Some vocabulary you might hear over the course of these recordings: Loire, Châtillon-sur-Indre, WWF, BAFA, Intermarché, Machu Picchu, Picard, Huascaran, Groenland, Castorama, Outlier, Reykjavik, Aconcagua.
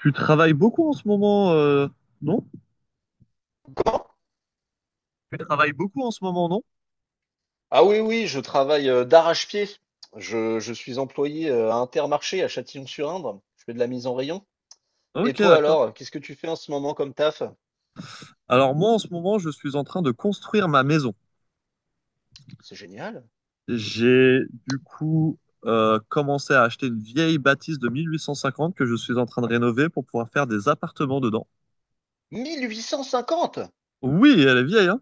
Tu travailles beaucoup en ce moment, non? Comment? Tu travailles beaucoup en ce moment, non? Ah oui, oui, je travaille d'arrache-pied. Je suis employé à Intermarché à Châtillon-sur-Indre. Je fais de la mise en rayon. Et Ok, toi d'accord. alors, qu'est-ce que tu fais en ce moment comme taf? Alors moi, en ce moment, je suis en train de construire ma maison. C'est génial. J'ai du coup commencé à acheter une vieille bâtisse de 1850 que je suis en train de rénover pour pouvoir faire des appartements dedans. 1850. Oui, elle est vieille, hein?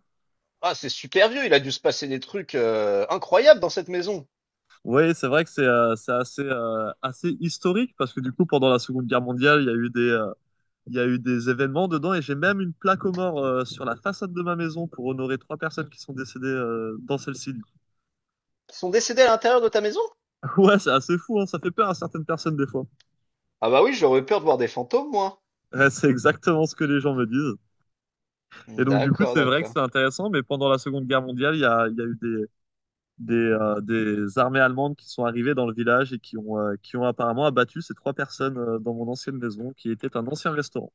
Ah, c'est super vieux, il a dû se passer des trucs incroyables dans cette maison. Oui, c'est vrai que c'est assez, assez historique parce que du coup, pendant la Seconde Guerre mondiale, il y a eu des événements dedans et j'ai même une plaque aux morts sur la façade de ma maison pour honorer trois personnes qui sont décédées dans celle-ci. Qui sont décédés à l'intérieur de ta maison? Ouais, c'est assez fou, hein, ça fait peur à certaines personnes des fois. Ah bah oui, j'aurais peur de voir des fantômes, moi. Ouais, c'est exactement ce que les gens me disent. Et donc du coup, D'accord, c'est vrai que d'accord. c'est intéressant, mais pendant la Seconde Guerre mondiale, il y a eu des armées allemandes qui sont arrivées dans le village et qui qui ont apparemment abattu ces trois personnes dans mon ancienne maison, qui était un ancien restaurant.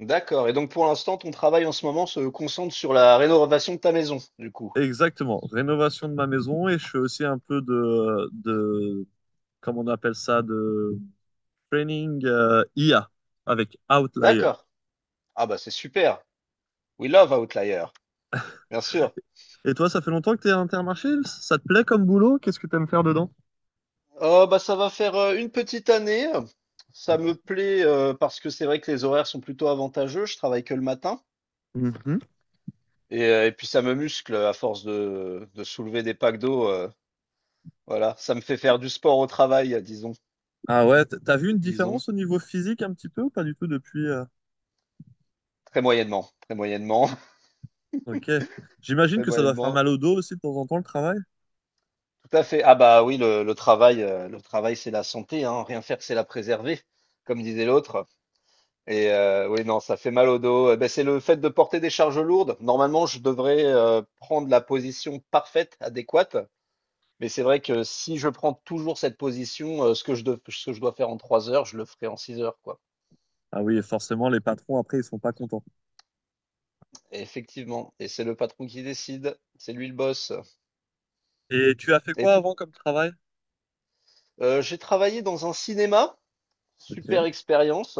D'accord. Et donc pour l'instant, ton travail en ce moment se concentre sur la rénovation de ta maison, du coup. Exactement, rénovation de ma maison et je fais aussi un peu de comment on appelle ça, de training IA avec Outlier. D'accord. Ah bah c'est super. We love Outlier. Bien sûr. Et toi, ça fait longtemps que t'es à Intermarché? Ça te plaît comme boulot? Qu'est-ce que t'aimes faire dedans? Oh, bah, ça va faire une petite année. Ça me plaît parce que c'est vrai que les horaires sont plutôt avantageux. Je travaille que le matin. Mhm. Et puis ça me muscle à force de soulever des packs d'eau. Voilà, ça me fait faire du sport au travail, disons. Ah ouais, t'as vu une Disons. différence au niveau physique un petit peu ou pas du tout depuis Très moyennement. Très moyennement. Ok. J'imagine Très que ça doit faire moyennement. mal au dos aussi de temps en temps le travail. Tout à fait. Ah bah oui, le travail, c'est la santé, hein. Rien faire, c'est la préserver, comme disait l'autre. Et oui, non, ça fait mal au dos. Eh ben, c'est le fait de porter des charges lourdes. Normalement, je devrais prendre la position parfaite, adéquate. Mais c'est vrai que si je prends toujours cette position, ce que je dois faire en trois heures, je le ferai en six heures, quoi. Ah oui, forcément, les patrons après ils sont pas contents. Et effectivement. Et c'est le patron qui décide. C'est lui le boss. Et tu as fait Et quoi tout- avant comme travail? j'ai travaillé dans un cinéma. Super Ok. expérience.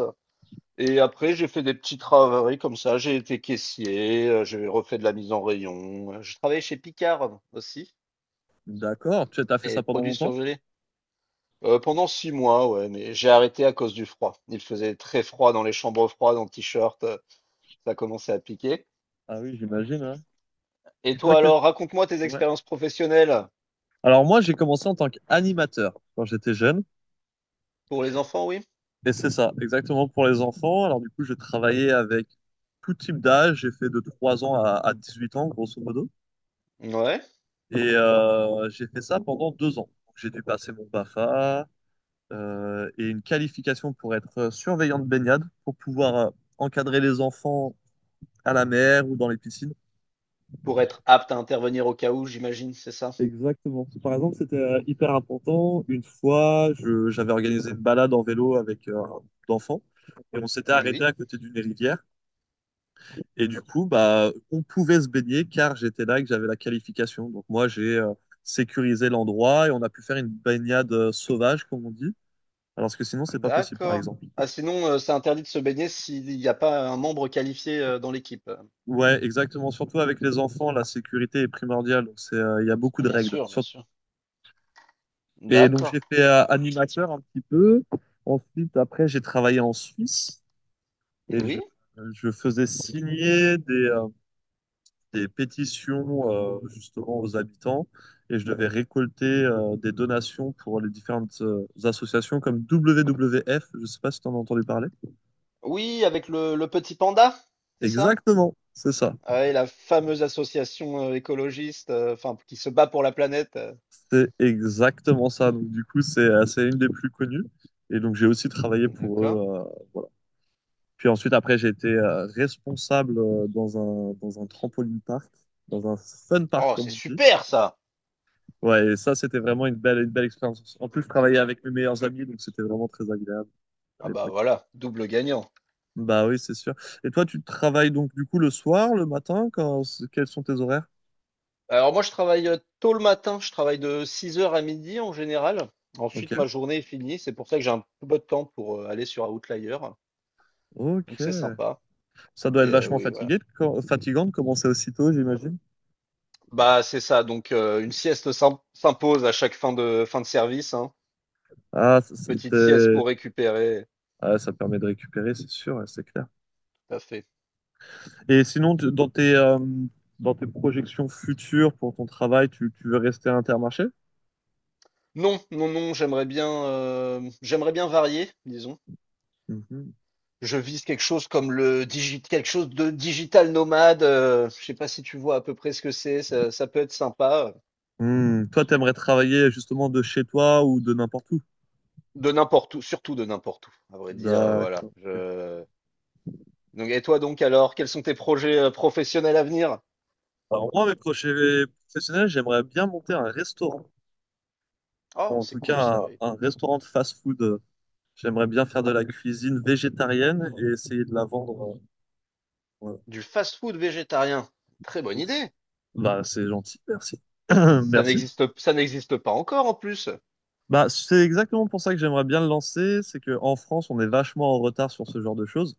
Et après, j'ai fait des petits travaux comme ça. J'ai été caissier, j'ai refait de la mise en rayon. J'ai travaillé chez Picard aussi, D'accord. Tu as fait les ça pendant produits longtemps? surgelés. Pendant six mois, ouais, mais j'ai arrêté à cause du froid. Il faisait très froid dans les chambres froides, en t-shirt, ça commençait à piquer. Ah oui, j'imagine, hein. Et Et toi, toi alors, raconte-moi tes ouais. expériences professionnelles Alors moi, j'ai commencé en tant qu'animateur quand j'étais jeune. pour les enfants, oui? Et c'est ça, exactement pour les enfants. Alors du coup, j'ai travaillé avec tout type d'âge. J'ai fait de 3 ans à 8 ans, grosso modo. Ouais, Et j'ai fait ça pendant 2 ans. Donc, j'ai dû passer mon BAFA et une qualification pour être surveillant de baignade, pour pouvoir encadrer les enfants à la mer ou dans les piscines. pour être apte à intervenir au cas où, j'imagine, c'est ça? Exactement. Par exemple, c'était hyper important. Une fois, j'avais organisé une balade en vélo avec un groupe d'enfants et on s'était arrêté Oui, à côté d'une rivière. Et du coup, bah, on pouvait se baigner car j'étais là et que j'avais la qualification. Donc moi, j'ai sécurisé l'endroit et on a pu faire une baignade sauvage, comme on dit, alors que sinon, c'est pas possible, par d'accord. exemple. Ah, sinon, c'est interdit de se baigner s'il n'y a pas un membre qualifié dans l'équipe. Ouais, exactement. Surtout avec les enfants, la sécurité est primordiale. Donc, c'est, il y a beaucoup de Bien règles. sûr, bien sûr. Et donc, D'accord. j'ai fait animateur un petit peu. Ensuite, après, j'ai travaillé en Suisse et Oui, je faisais signer des pétitions, justement, aux habitants. Et je devais récolter, des donations pour les différentes, associations comme WWF. Je sais pas si tu en as entendu parler. oui, avec le petit panda, c'est ça? Exactement, c'est ça. Ah et la fameuse association écologiste, enfin, qui se bat pour la planète. C'est exactement ça. Donc, du coup, c'est une des plus connues. Et donc, j'ai aussi travaillé pour D'accord. eux, voilà. Puis ensuite, après, j'ai été responsable dans dans un trampoline park, dans un fun park, Oh, c'est comme on dit. super ça! Ouais, et ça, c'était vraiment une belle expérience. En plus, je travaillais avec mes meilleurs amis, donc c'était vraiment très agréable à Ah bah l'époque. voilà, double gagnant. Bah oui, c'est sûr. Et toi, tu travailles donc, du coup, le soir, le matin, quels sont tes horaires? Alors moi, je travaille tôt le matin, je travaille de six heures à midi en général. Ok, Ensuite, ma journée est finie, c'est pour ça que j'ai un peu de temps pour aller sur Outlier. Donc c'est ok. sympa. Ça doit être Et vachement oui, voilà. Fatigant de commencer aussitôt, j'imagine. Bah c'est ça, donc une sieste s'impose à chaque fin de service, hein. Ah, Petite sieste c'était pour récupérer. Ah, ça permet de récupérer, c'est sûr, ouais, c'est clair. Tout à fait. Et sinon, dans dans tes projections futures pour ton travail, tu veux rester à Intermarché? Non, non, non, j'aimerais bien varier, disons. Mhm. Je vise quelque chose comme quelque chose de digital nomade. Je sais pas si tu vois à peu près ce que c'est. Ça peut être sympa. Hmm. Toi, t'aimerais travailler justement de chez toi ou de n'importe où? De n'importe où, surtout de n'importe où, à vrai dire. Voilà. D'accord. Donc, et toi donc alors, quels sont tes projets professionnels à venir? Alors moi, mes projets professionnels, j'aimerais bien monter un restaurant. Oh, En c'est tout cool cas, ça, oui. un restaurant de fast-food. J'aimerais bien faire de la cuisine végétarienne et essayer de la vendre, voilà. Du fast-food végétarien. Très bonne idée. Bah, c'est gentil, merci. Ça Merci. n'existe, ça n'existe pas encore en plus. Bah, c'est exactement pour ça que j'aimerais bien le lancer, c'est que en France, on est vachement en retard sur ce genre de choses.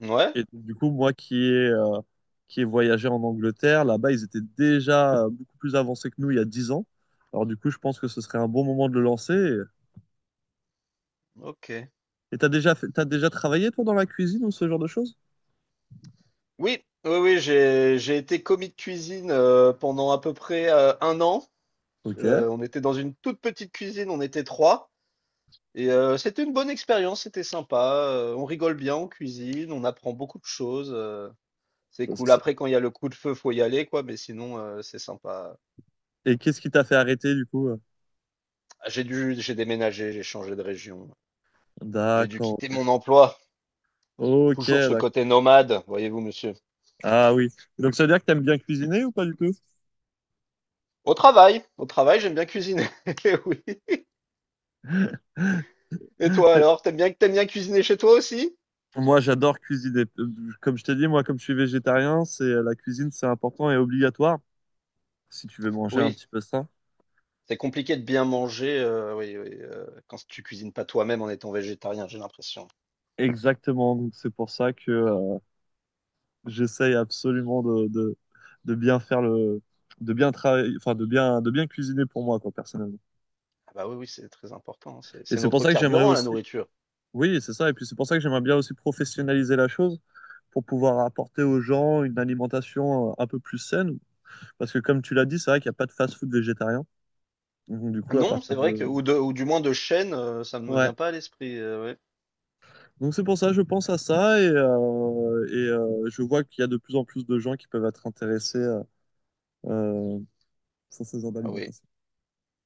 Ouais, Et donc, du coup, moi qui ai voyagé en Angleterre, là-bas, ils étaient déjà beaucoup plus avancés que nous il y a 10 ans. Alors du coup, je pense que ce serait un bon moment de le lancer. ok. Et t'as déjà fait, t'as déjà travaillé, toi, dans la cuisine ou ce genre de choses? Oui, oui, oui, j'ai été commis de cuisine pendant à peu près un an. Euh, Ok. on était dans une toute petite cuisine, on était trois. C'était une bonne expérience, c'était sympa. On rigole bien, on cuisine, on apprend beaucoup de choses. C'est ça, cool. ça- Après, quand il y a le coup de feu, faut y aller, quoi. Mais sinon, c'est sympa. Et qu'est-ce qui t'a fait arrêter, du coup? Ah, j'ai déménagé, j'ai changé de région. J'ai dû quitter D'accord. mon emploi. Ok, Toujours ce côté d'accord. nomade, voyez-vous, monsieur. Ah oui. Donc ça veut dire que t'aimes bien cuisiner ou pas du tout? Au travail, j'aime bien cuisiner. Oui. Et toi alors, t'aimes bien cuisiner chez toi aussi? Moi, j'adore cuisiner. Comme je t'ai dit, moi, comme je suis végétarien, c'est la cuisine, c'est important et obligatoire si tu veux manger un Oui. petit peu ça. C'est compliqué de bien manger, oui, oui, quand tu cuisines pas toi-même en étant végétarien, j'ai l'impression. Exactement. Donc, c'est pour ça que j'essaye absolument de bien faire de bien travailler, enfin, de bien cuisiner pour moi, quoi, personnellement. Ah bah, oui, oui, c'est très important, hein, c'est Et c'est c'est pour notre ça que j'aimerais carburant, la aussi, nourriture. oui, c'est ça. Et puis, c'est pour ça que j'aimerais bien aussi professionnaliser la chose pour pouvoir apporter aux gens une alimentation un peu plus saine. Parce que, comme tu l'as dit, c'est vrai qu'il n'y a pas de fast-food végétarien. Donc, du coup, Non, c'est vrai que ou de ou du moins de chaîne, ça ne me ouais, vient pas à l'esprit, ouais. donc c'est pour ça, je pense à ça et je vois qu'il y a de plus en plus de gens qui peuvent être intéressés euh, sur ce genre Ah oui. d'alimentation.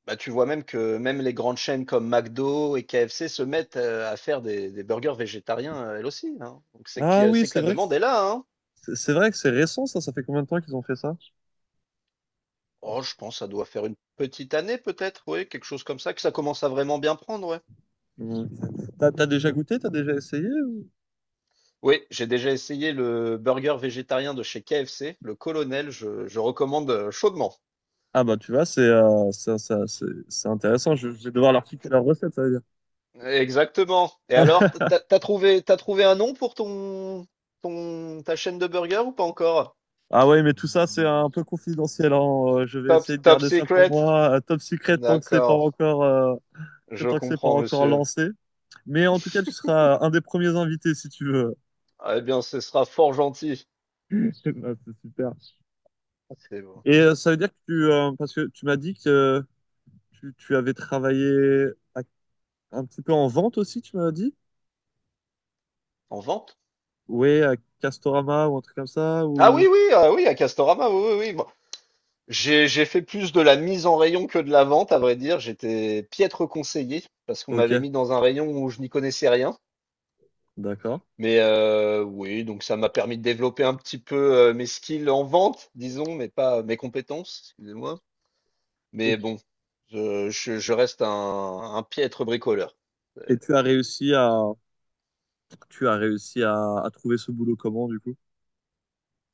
Bah, tu vois même que même les grandes chaînes comme McDo et KFC se mettent, à faire des burgers végétariens, elles aussi, hein. Donc c'est qu'il y Ah a oui, c'est que c'est la vrai que demande est là, hein. C'est vrai que c'est récent ça, ça fait combien de temps qu'ils ont fait ça? Oh, je pense que ça doit faire une petite année peut-être, oui, quelque chose comme ça, que ça commence à vraiment bien prendre, ouais. Hum. T'as, t'as déjà goûté, t'as déjà essayé? Oui, j'ai déjà essayé le burger végétarien de chez KFC, le Colonel, je recommande chaudement. Ah bah tu vois, c'est c'est intéressant, je vais devoir leur piquer leur recette, ça veut dire. Exactement. Et alors, t'as trouvé un nom pour ta chaîne de burger ou pas encore? Ah ouais, mais tout ça c'est un peu confidentiel, hein. Je vais Top, essayer de top garder ça pour secret? moi, top secret tant que c'est pas D'accord, encore que je tant que c'est pas comprends, encore monsieur. lancé. Mais en tout cas, tu seras un des premiers invités si tu veux. Ah, eh bien, ce sera fort gentil. Ah, c'est super. C'est bon. Et ça veut dire que parce que tu m'as dit que tu avais travaillé à- un petit peu en vente aussi, tu m'as dit? En vente? Oui, à Castorama ou un truc comme ça Ah oui, ou... oui, ah oui, à Castorama, oui, oui, oui. Bon, j'ai fait plus de la mise en rayon que de la vente, à vrai dire. J'étais piètre conseiller parce qu'on m'avait Ok, mis dans un rayon où je n'y connaissais rien. d'accord. Mais oui, donc ça m'a permis de développer un petit peu, mes skills en vente, disons, mais pas mes compétences, excusez-moi. Et, Mais bon, je reste un piètre bricoleur. et C'est tu as réussi à, tu as réussi à trouver ce boulot comment du coup?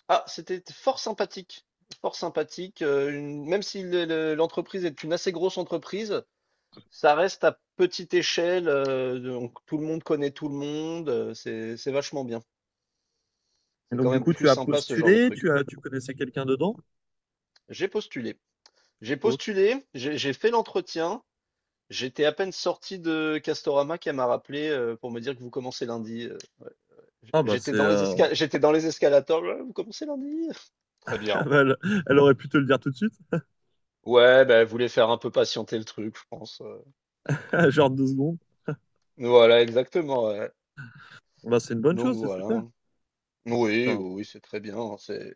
c'était fort sympathique, une même si le l'entreprise est une assez grosse entreprise, ça reste à petite échelle, donc tout le monde connaît tout le monde, c'est vachement bien. Et C'est donc quand du même coup, tu plus as sympa ce genre de postulé, truc. Tu connaissais quelqu'un dedans? J'ai postulé j'ai Oh. postulé, j'ai fait l'entretien. J'étais à peine sorti de Castorama qu'elle m'a rappelé pour me dire que vous commencez lundi. Ah bah c'est, J'étais dans les escalators. Ouais, vous commencez lundi? Très bien. elle, elle aurait pu te le dire tout de suite, Ouais, bah, elle voulait faire un peu patienter le truc, je pense. Genre 2 secondes. Voilà, exactement. Ouais. Bah c'est une bonne Donc chose, c'est super. voilà. Oui, oui, Enfin, oui, c'est très bien. Hein,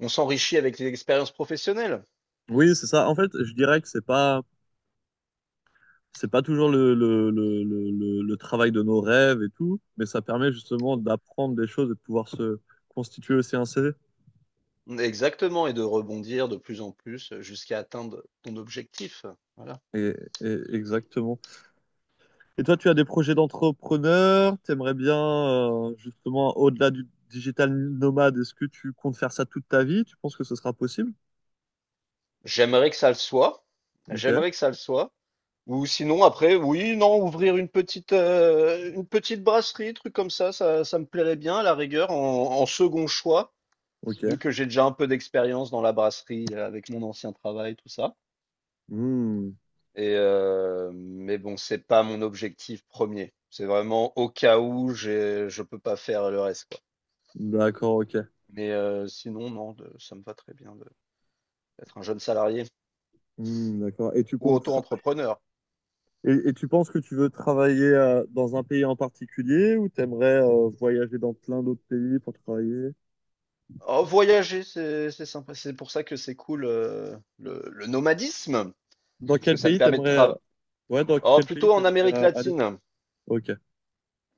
On s'enrichit avec les expériences professionnelles. oui, c'est ça. En fait, je dirais que c'est pas toujours le travail de nos rêves et tout, mais ça permet justement d'apprendre des choses et de pouvoir se constituer aussi un CV. Exactement, et de rebondir de plus en plus jusqu'à atteindre ton objectif. Voilà. Et, exactement. Et toi, tu as des projets d'entrepreneur, t'aimerais bien, justement, au-delà du digital nomade, est-ce que tu comptes faire ça toute ta vie? Tu penses que ce sera possible? J'aimerais que ça le soit. Ok, J'aimerais que ça le soit. Ou sinon, après, oui, non, ouvrir une petite brasserie, truc comme ça, ça me plairait bien, à la rigueur, en second choix, vu ok. que j'ai déjà un peu d'expérience dans la brasserie avec mon ancien travail, tout ça. Hmm, Mais bon, c'est pas mon objectif premier. C'est vraiment au cas où je peux pas faire le reste, quoi. d'accord, ok. Mais sinon, non, ça me va très bien d'être un jeune salarié Hmm, d'accord. Ou auto-entrepreneur. Et tu penses que tu veux travailler dans un pays en particulier ou t'aimerais voyager dans plein d'autres pays pour travailler? Oh, voyager, c'est sympa. C'est pour ça que c'est cool le nomadisme, Dans parce que quel ça te pays permet de t'aimerais travailler. ouais, dans Oh, quel pays plutôt en t'aimerais Amérique aller? latine. Ok.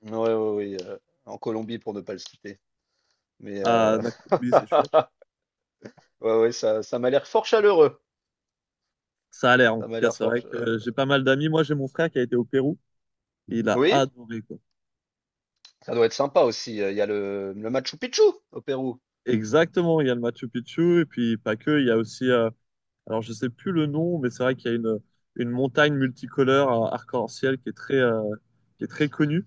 Ouais, ouais, oui. En Colombie, pour ne pas le citer. Mais Ah, d'accord. Oui, c'est chouette. ouais, ouais, ça m'a l'air fort chaleureux. Ça a l'air, en Ça tout m'a cas, l'air c'est fort. vrai que j'ai pas mal d'amis. Moi, j'ai mon frère qui a été au Pérou et il a Oui, adoré, quoi. ça doit être sympa aussi. Il y a le Machu Picchu au Pérou. Exactement, il y a le Machu Picchu et puis pas que, il y a aussi, alors je sais plus le nom, mais c'est vrai qu'il y a une montagne multicolore, arc-en-ciel qui est très connue.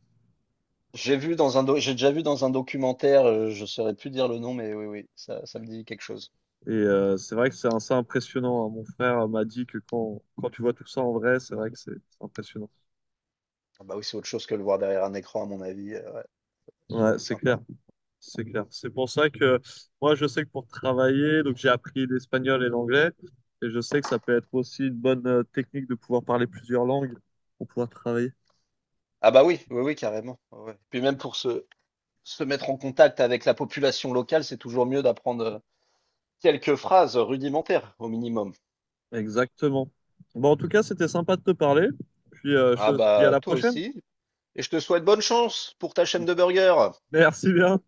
J'ai déjà vu dans un documentaire, je saurais plus dire le nom, mais oui, oui, ça me dit quelque chose. Et c'est vrai que c'est assez impressionnant, hein. Mon frère m'a dit que quand tu vois tout ça en vrai, c'est vrai que c'est impressionnant. Ah bah oui, c'est autre chose que le voir derrière un écran, à mon avis. Ouais, ça doit Ouais, être c'est clair, sympa. c'est clair. C'est pour ça que moi, je sais que pour travailler, donc j'ai appris l'espagnol et l'anglais, et je sais que ça peut être aussi une bonne technique de pouvoir parler plusieurs langues pour pouvoir travailler. Ah bah oui, oui, oui, carrément. Ouais, ouais. Puis même pour se mettre en contact avec la population locale, c'est toujours mieux d'apprendre quelques phrases rudimentaires au minimum. Exactement. Bon, en tout cas, c'était sympa de te parler. Puis je Ah te dis à bah la toi prochaine. aussi. Et je te souhaite bonne chance pour ta chaîne de burgers. Merci bien.